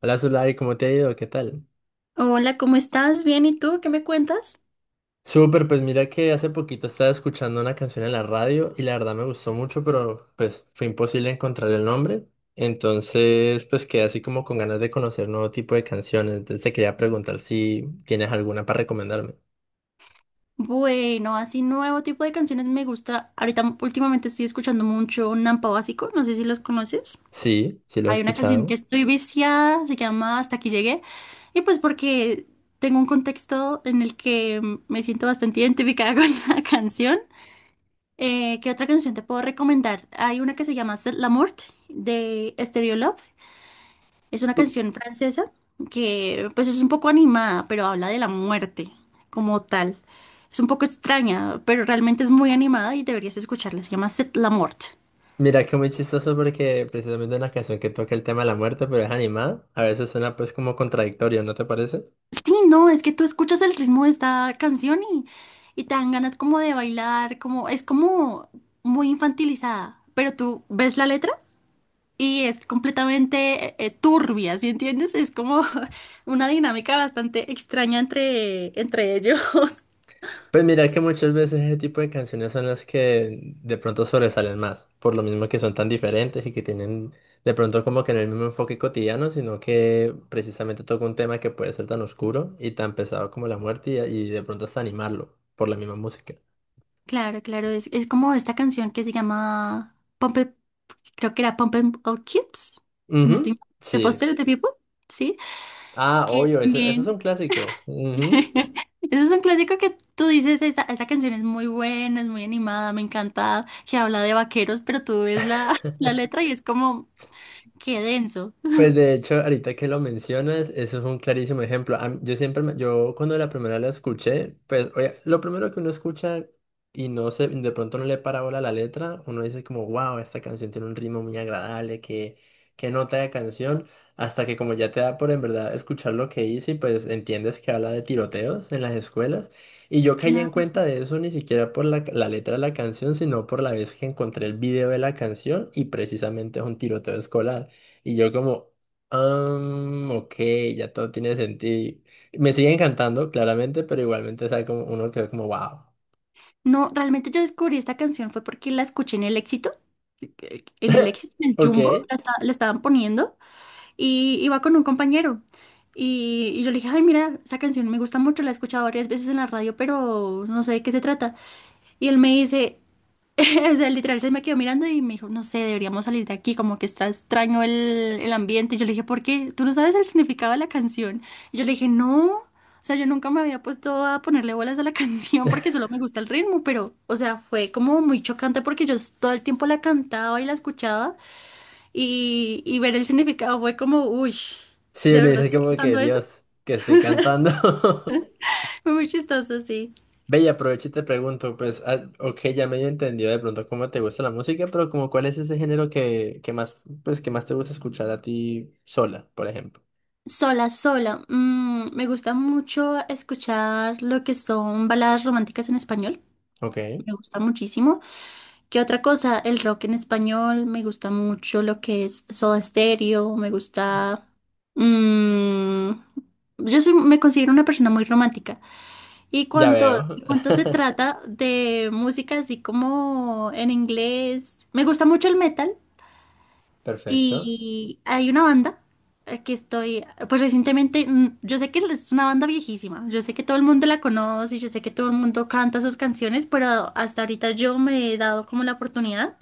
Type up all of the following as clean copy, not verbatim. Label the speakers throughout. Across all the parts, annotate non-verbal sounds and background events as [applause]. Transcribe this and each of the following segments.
Speaker 1: Hola Zulay, ¿cómo te ha ido? ¿Qué tal?
Speaker 2: Hola, ¿cómo estás? Bien, ¿y tú? ¿Qué me cuentas?
Speaker 1: Súper, pues mira que hace poquito estaba escuchando una canción en la radio y la verdad me gustó mucho, pero pues fue imposible encontrar el nombre. Entonces, pues quedé así como con ganas de conocer nuevo tipo de canciones. Entonces te quería preguntar si tienes alguna para recomendarme.
Speaker 2: Bueno, así nuevo tipo de canciones me gusta. Ahorita últimamente estoy escuchando mucho Nampa Básico, no sé si los conoces.
Speaker 1: Sí, sí lo he
Speaker 2: Hay una canción que
Speaker 1: escuchado.
Speaker 2: estoy viciada, se llama Hasta aquí llegué. Y pues porque tengo un contexto en el que me siento bastante identificada [laughs] con la canción. ¿Qué otra canción te puedo recomendar? Hay una que se llama C'est la mort de Stereo Love. Es una canción francesa que pues es un poco animada, pero habla de la muerte como tal. Es un poco extraña, pero realmente es muy animada y deberías escucharla. Se llama C'est la mort.
Speaker 1: Mira que muy chistoso porque precisamente una canción que toca el tema de la muerte, pero es animada. A veces suena pues como contradictorio, ¿no te parece?
Speaker 2: Sí, no, es que tú escuchas el ritmo de esta canción y te dan ganas como de bailar, como es como muy infantilizada, pero tú ves la letra y es completamente turbia, ¿sí entiendes? Es como [laughs] una dinámica bastante extraña entre ellos. [laughs]
Speaker 1: Pues mira que muchas veces ese tipo de canciones son las que de pronto sobresalen más, por lo mismo que son tan diferentes y que tienen de pronto como que no el mismo enfoque cotidiano, sino que precisamente toca un tema que puede ser tan oscuro y tan pesado como la muerte y de pronto hasta animarlo por la misma música.
Speaker 2: Claro, claro, es como esta canción que se llama Pump creo que era Pump It Up Kids, si no estoy
Speaker 1: Ujú,
Speaker 2: mal, de
Speaker 1: sí.
Speaker 2: Foster the People, ¿sí?
Speaker 1: Ah,
Speaker 2: Que
Speaker 1: obvio, ese, eso es
Speaker 2: también,
Speaker 1: un clásico. Ujú.
Speaker 2: [laughs] eso es un clásico que tú dices, esa canción es muy buena, es muy animada, me encanta, que habla de vaqueros, pero tú ves la, [laughs] la letra y es como, qué denso.
Speaker 1: Pues de hecho, ahorita que lo mencionas, eso es un clarísimo ejemplo. A mí- Yo siempre, me- yo cuando la primera la escuché, pues oye, lo primero que uno escucha y no se, de pronto no le para bola la letra, uno dice como, wow, esta canción tiene un ritmo muy agradable, que qué nota de canción, hasta que como ya te da por en verdad escuchar lo que dice y pues entiendes que habla de tiroteos en las escuelas. Y yo caí en
Speaker 2: Claro.
Speaker 1: cuenta de eso ni siquiera por la, la letra de la canción, sino por la vez que encontré el video de la canción y precisamente es un tiroteo escolar. Y yo como, ok, ya todo tiene sentido. Me sigue encantando, claramente, pero igualmente, o sea, como uno quedó como, wow.
Speaker 2: No, realmente yo descubrí esta canción fue porque la escuché en el Éxito, en el
Speaker 1: [laughs]
Speaker 2: Éxito, en el Jumbo,
Speaker 1: Ok.
Speaker 2: la estaban poniendo. Y iba con un compañero. Y yo le dije, ay, mira, esa canción me gusta mucho, la he escuchado varias veces en la radio, pero no sé de qué se trata. Y él me dice, [laughs] o sea, literal se me quedó mirando y me dijo, no sé, deberíamos salir de aquí, como que está extraño el ambiente. Y yo le dije, ¿por qué? ¿Tú no sabes el significado de la canción? Y yo le dije, no. O sea, yo nunca me había puesto a ponerle bolas a la [laughs] canción porque solo me gusta el ritmo, pero, o sea, fue como muy chocante porque yo todo el tiempo la cantaba y la escuchaba y ver el significado fue como, uy,
Speaker 1: Sí,
Speaker 2: ¿de
Speaker 1: uno
Speaker 2: verdad
Speaker 1: dice
Speaker 2: estoy
Speaker 1: como que,
Speaker 2: cantando eso? [laughs]
Speaker 1: Dios, que estoy cantando. [laughs]
Speaker 2: Fue muy chistoso, sí.
Speaker 1: Ve y aprovecho y te pregunto, pues, ah, ok, ya medio entendido de pronto cómo te gusta la música, pero como cuál es ese género que más, pues, que más te gusta escuchar a ti sola, por ejemplo.
Speaker 2: Sola, sola. Me gusta mucho escuchar lo que son baladas románticas en español.
Speaker 1: Ok,
Speaker 2: Me gusta muchísimo. ¿Qué otra cosa? El rock en español. Me gusta mucho lo que es Soda Stereo. Me gusta... mm, yo soy, me considero una persona muy romántica. Y
Speaker 1: ya veo.
Speaker 2: cuanto, y cuanto se
Speaker 1: [laughs]
Speaker 2: trata de música así como en inglés, me gusta mucho el metal
Speaker 1: Perfecto.
Speaker 2: y hay una banda que estoy, pues recientemente, yo sé que es una banda viejísima, yo sé que todo el mundo la conoce, yo sé que todo el mundo canta sus canciones, pero hasta ahorita yo me he dado como la oportunidad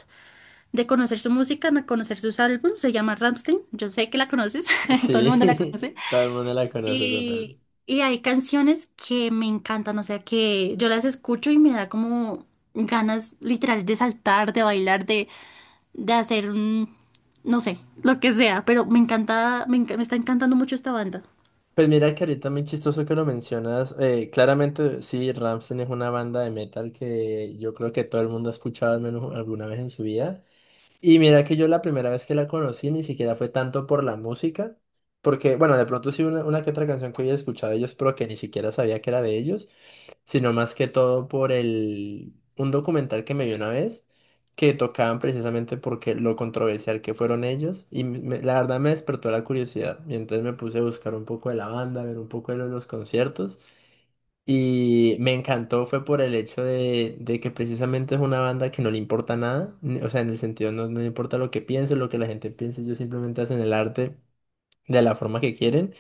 Speaker 2: de conocer su música, de conocer sus álbumes, se llama Rammstein, yo sé que la conoces, [laughs] todo el mundo la
Speaker 1: Sí,
Speaker 2: conoce.
Speaker 1: [laughs] todo el mundo la conoce total.
Speaker 2: Y, y hay canciones que me encantan, o sea, que yo las escucho y me da como ganas literal de saltar, de bailar, de hacer un, no sé, lo que sea, pero me encanta, me está encantando mucho esta banda.
Speaker 1: Pues mira que ahorita muy chistoso que lo mencionas. Claramente, sí, Rammstein es una banda de metal que yo creo que todo el mundo ha escuchado al menos alguna vez en su vida. Y mira que yo la primera vez que la conocí ni siquiera fue tanto por la música, porque, bueno, de pronto sí una que otra canción que había escuchado de ellos, pero que ni siquiera sabía que era de ellos sino más que todo por el un documental que me vi una vez que tocaban precisamente porque lo controversial que fueron ellos y me- la verdad me despertó la curiosidad y entonces me puse a buscar un poco de la banda, ver un poco de lo- de los conciertos y me encantó fue por el hecho de que precisamente es una banda que no le importa nada, ni- o sea, en el sentido no, no le importa lo que piense, lo que la gente piense, ellos simplemente hacen el arte de la forma que quieren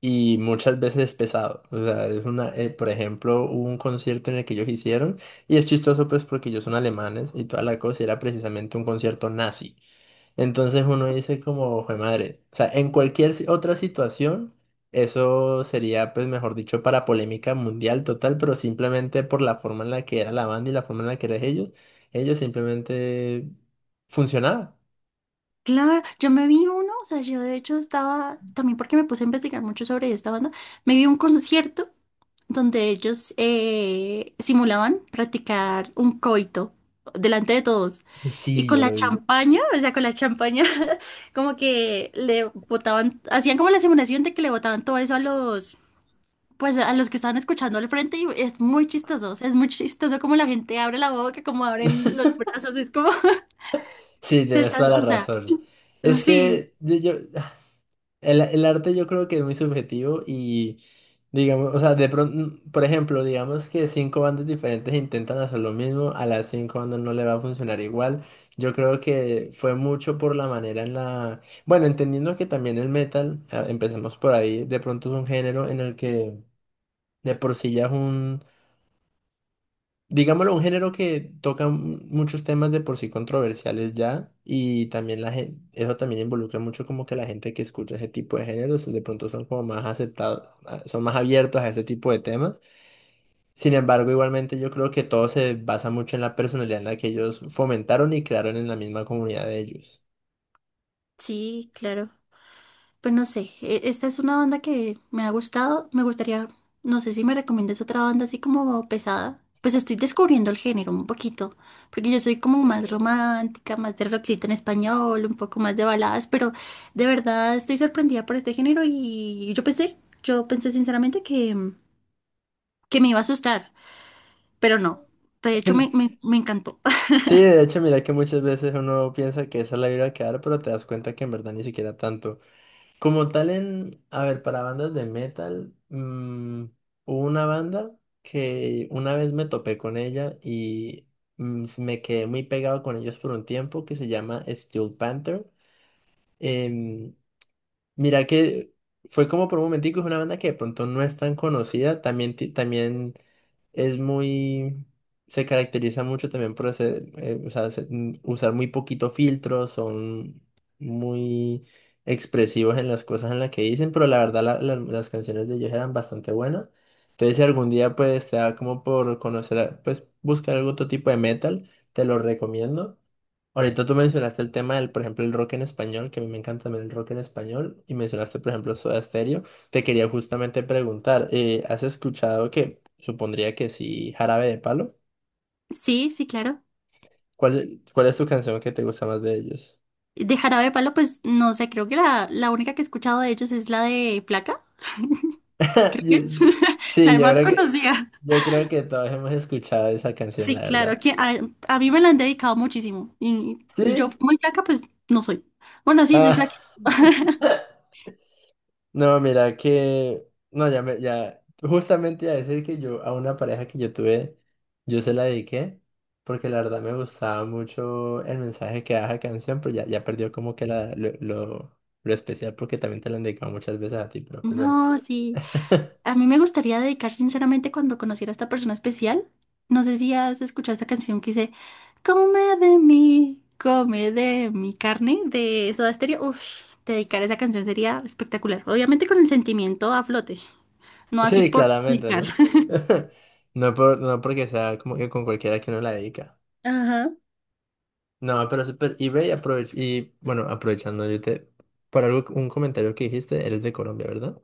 Speaker 1: y muchas veces pesado. O sea, es una, por ejemplo, hubo un concierto en el que ellos hicieron y es chistoso pues porque ellos son alemanes y toda la cosa y era precisamente un concierto nazi. Entonces uno dice como, fue madre, o sea, en cualquier si- otra situación, eso sería pues mejor dicho para polémica mundial total, pero simplemente por la forma en la que era la banda y la forma en la que eran ellos, ellos simplemente funcionaba.
Speaker 2: Claro, yo me vi uno, o sea, yo de hecho estaba, también porque me puse a investigar mucho sobre esta banda, me vi un concierto donde ellos simulaban practicar un coito delante de todos. Y
Speaker 1: Sí,
Speaker 2: con
Speaker 1: yo
Speaker 2: la
Speaker 1: lo vi.
Speaker 2: champaña, o sea, con la champaña, [laughs] como que le botaban, hacían como la simulación de que le botaban todo eso a los, pues a los que estaban escuchando al frente y es muy chistoso, o sea, es muy chistoso como la gente abre la boca, como abren los brazos, es como, [laughs]
Speaker 1: Sí,
Speaker 2: te
Speaker 1: tienes
Speaker 2: estás,
Speaker 1: toda la
Speaker 2: o sea,
Speaker 1: razón. Es
Speaker 2: sí,
Speaker 1: que yo- el arte yo creo que es muy subjetivo y, digamos, o sea, de pronto, por ejemplo, digamos que cinco bandas diferentes intentan hacer lo mismo, a las cinco bandas no le va a funcionar igual. Yo creo que fue mucho por la manera en la... Bueno, entendiendo que también el metal, ah, empecemos por ahí, de pronto es un género en el que de por sí ya es un... Digámoslo, un género que toca mu- muchos temas de por sí controversiales ya y también la gente, eso también involucra mucho como que la gente que escucha ese tipo de géneros de pronto son como más aceptados, ah, son más abiertos a ese tipo de temas. Sin embargo, igualmente yo creo que todo se basa mucho en la personalidad en la que ellos fomentaron y crearon en la misma comunidad de ellos.
Speaker 2: sí, claro. Pues no sé, esta es una banda que me ha gustado. Me gustaría, no sé si me recomiendas otra banda así como pesada. Pues estoy descubriendo el género un poquito, porque yo soy como más
Speaker 1: Eh,
Speaker 2: romántica, más de rockcito en español, un poco más de baladas, pero de verdad estoy sorprendida por este género y yo pensé sinceramente que me iba a asustar, pero no. De hecho,
Speaker 1: [laughs]
Speaker 2: me encantó. [laughs]
Speaker 1: sí, de hecho, mira que muchas veces uno piensa que esa es la vida que dar, pero te das cuenta que en verdad ni siquiera tanto. Como tal en, a ver, para bandas de metal, hubo una banda que una vez me topé con ella y s- me quedé muy pegado con ellos por un tiempo que se llama Steel Panther. Em, Mira que fue como por un momentico, es una banda que de pronto no es tan conocida, también, ti- también es muy, se caracteriza mucho también por hacer, o sea, se- usar muy poquito filtro, son muy expresivos en las cosas en las que dicen, pero la verdad la- la- las canciones de ellos eran bastante buenas. Entonces si algún día pues te da como por conocer, a- pues buscar algún otro tipo de metal, te lo recomiendo. Ahorita tú mencionaste el tema del, por ejemplo, el rock en español, que a mí me encanta también el rock en español, y mencionaste, por ejemplo, Soda Stereo. Te quería justamente preguntar, ¿has escuchado que, supondría que sí, Jarabe de Palo?
Speaker 2: Sí, sí, claro.
Speaker 1: ¿Cuál, cuál es tu canción que te gusta más de ellos?
Speaker 2: De Jarabe de Palo, pues no sé, creo que la única que he escuchado de ellos es la de Placa. [laughs]
Speaker 1: [laughs] Yo-
Speaker 2: ¿Crees? [laughs]
Speaker 1: Sí,
Speaker 2: La más conocida.
Speaker 1: yo creo que todos hemos escuchado esa canción, la
Speaker 2: Sí, claro,
Speaker 1: verdad.
Speaker 2: a mí me la han dedicado muchísimo. Y yo
Speaker 1: ¿Sí?
Speaker 2: muy flaca, pues no soy. Bueno, sí, soy
Speaker 1: Ah.
Speaker 2: flaca. [laughs]
Speaker 1: [laughs] No, mira que, no, ya me, ya, justamente iba a decir que yo, a una pareja que yo tuve, yo se la dediqué, porque la verdad me gustaba mucho el mensaje que daba la canción, pero ya, ya perdió como que la, lo especial, porque también te lo han dedicado muchas veces a ti, pero pues bueno.
Speaker 2: No, sí. A
Speaker 1: [laughs]
Speaker 2: mí me gustaría dedicar sinceramente cuando conociera a esta persona especial. No sé si has escuchado esta canción que dice, come de mí, come de mi carne, de Soda Stereo. Uf, dedicar esa canción sería espectacular. Obviamente con el sentimiento a flote, no así
Speaker 1: Sí,
Speaker 2: por
Speaker 1: claramente,
Speaker 2: dedicar.
Speaker 1: ¿no?
Speaker 2: [laughs]
Speaker 1: [laughs] No por, no porque sea como que con cualquiera que uno la dedica.
Speaker 2: Ajá.
Speaker 1: No, pero súper, y ve y aprovech- y bueno, aprovechando, yo te, por algo, un comentario que dijiste, eres de Colombia, ¿verdad?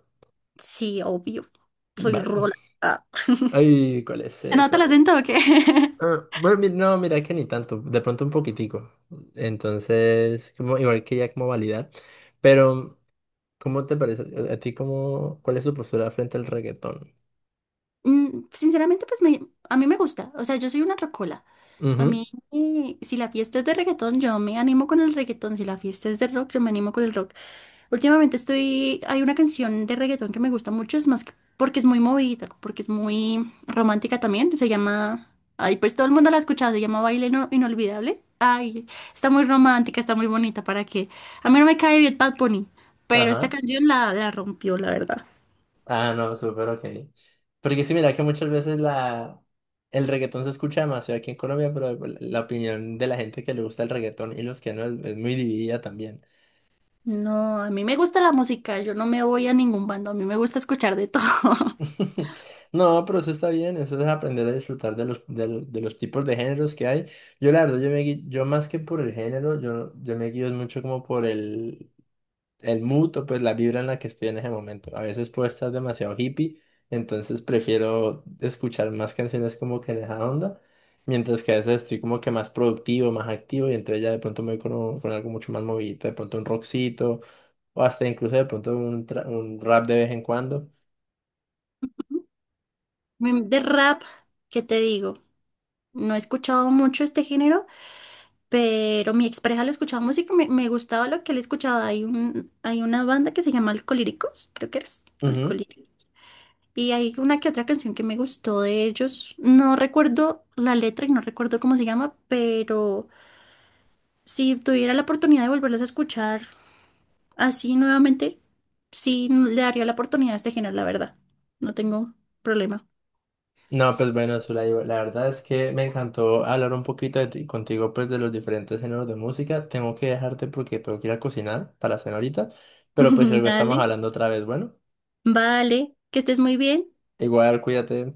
Speaker 2: Sí, obvio. Soy
Speaker 1: Vale.
Speaker 2: Rola. Ah. [laughs]
Speaker 1: Ay, ¿cuál es
Speaker 2: ¿Se nota el
Speaker 1: esa?
Speaker 2: acento o qué? [laughs]
Speaker 1: Ah, bueno, mi- no, mira que ni tanto, de pronto un poquitico. Entonces, como, igual que ya como validar. Pero, ¿cómo te parece? ¿A ti cómo, cuál es tu postura frente al reggaetón?
Speaker 2: Sinceramente, pues a mí me gusta. O sea, yo soy una rocola. A
Speaker 1: Ujú,
Speaker 2: mí, si la fiesta es de reggaetón, yo me animo con el reggaetón. Si la fiesta es de rock, yo me animo con el rock. Últimamente estoy, hay una canción de reggaetón que me gusta mucho, es más que porque es muy movida, porque es muy romántica también, se llama, ay, pues todo el mundo la ha escuchado, se llama Baile Inolvidable. Ay, está muy romántica, está muy bonita, ¿para qué? A mí no me cae bien Bad Bunny, pero esta
Speaker 1: ajá.
Speaker 2: canción la rompió, la verdad.
Speaker 1: Ah, no, súper ok. Porque sí, mira que muchas veces la, el reggaetón se escucha demasiado aquí en Colombia, pero la opinión de la gente que le gusta el reggaetón y los que no es, es muy dividida también.
Speaker 2: No, a mí me gusta la música, yo no me voy a ningún bando, a mí me gusta escuchar de todo. [laughs]
Speaker 1: [laughs] No, pero eso está bien, eso es aprender a disfrutar de los, de, lo- de los tipos de géneros que hay. Yo la verdad, yo, me, gui- yo más que por el género, yo me guío mucho como por el mood o pues la vibra en la que estoy en ese momento. A veces puedo estar demasiado hippie, entonces prefiero escuchar más canciones como que en esa onda, mientras que a veces estoy como que más productivo, más activo y entonces ya de pronto me voy con, un- con algo mucho más movidito, de pronto un rockcito o hasta incluso de pronto un, tra- un rap de vez en cuando.
Speaker 2: De rap, ¿qué te digo? No he escuchado mucho este género, pero mi expareja le escuchaba música, me gustaba lo que él escuchaba. Hay una banda que se llama Alcolíricos, creo que eres, Alcolíricos. Y hay una que otra canción que me gustó de ellos. No recuerdo la letra y no recuerdo cómo se llama, pero si tuviera la oportunidad de volverlos a escuchar así nuevamente, sí le daría la oportunidad a este género, la verdad. No tengo problema.
Speaker 1: No, pues bueno, Zulay, la verdad es que me encantó hablar un poquito de ti- contigo, pues de los diferentes géneros de música. Tengo que dejarte porque tengo que ir a cocinar para cenar ahorita,
Speaker 2: [laughs]
Speaker 1: pero pues
Speaker 2: Ujú.
Speaker 1: luego estamos
Speaker 2: Dale.
Speaker 1: hablando otra vez. Bueno,
Speaker 2: Vale, que estés muy bien.
Speaker 1: igual cuídate.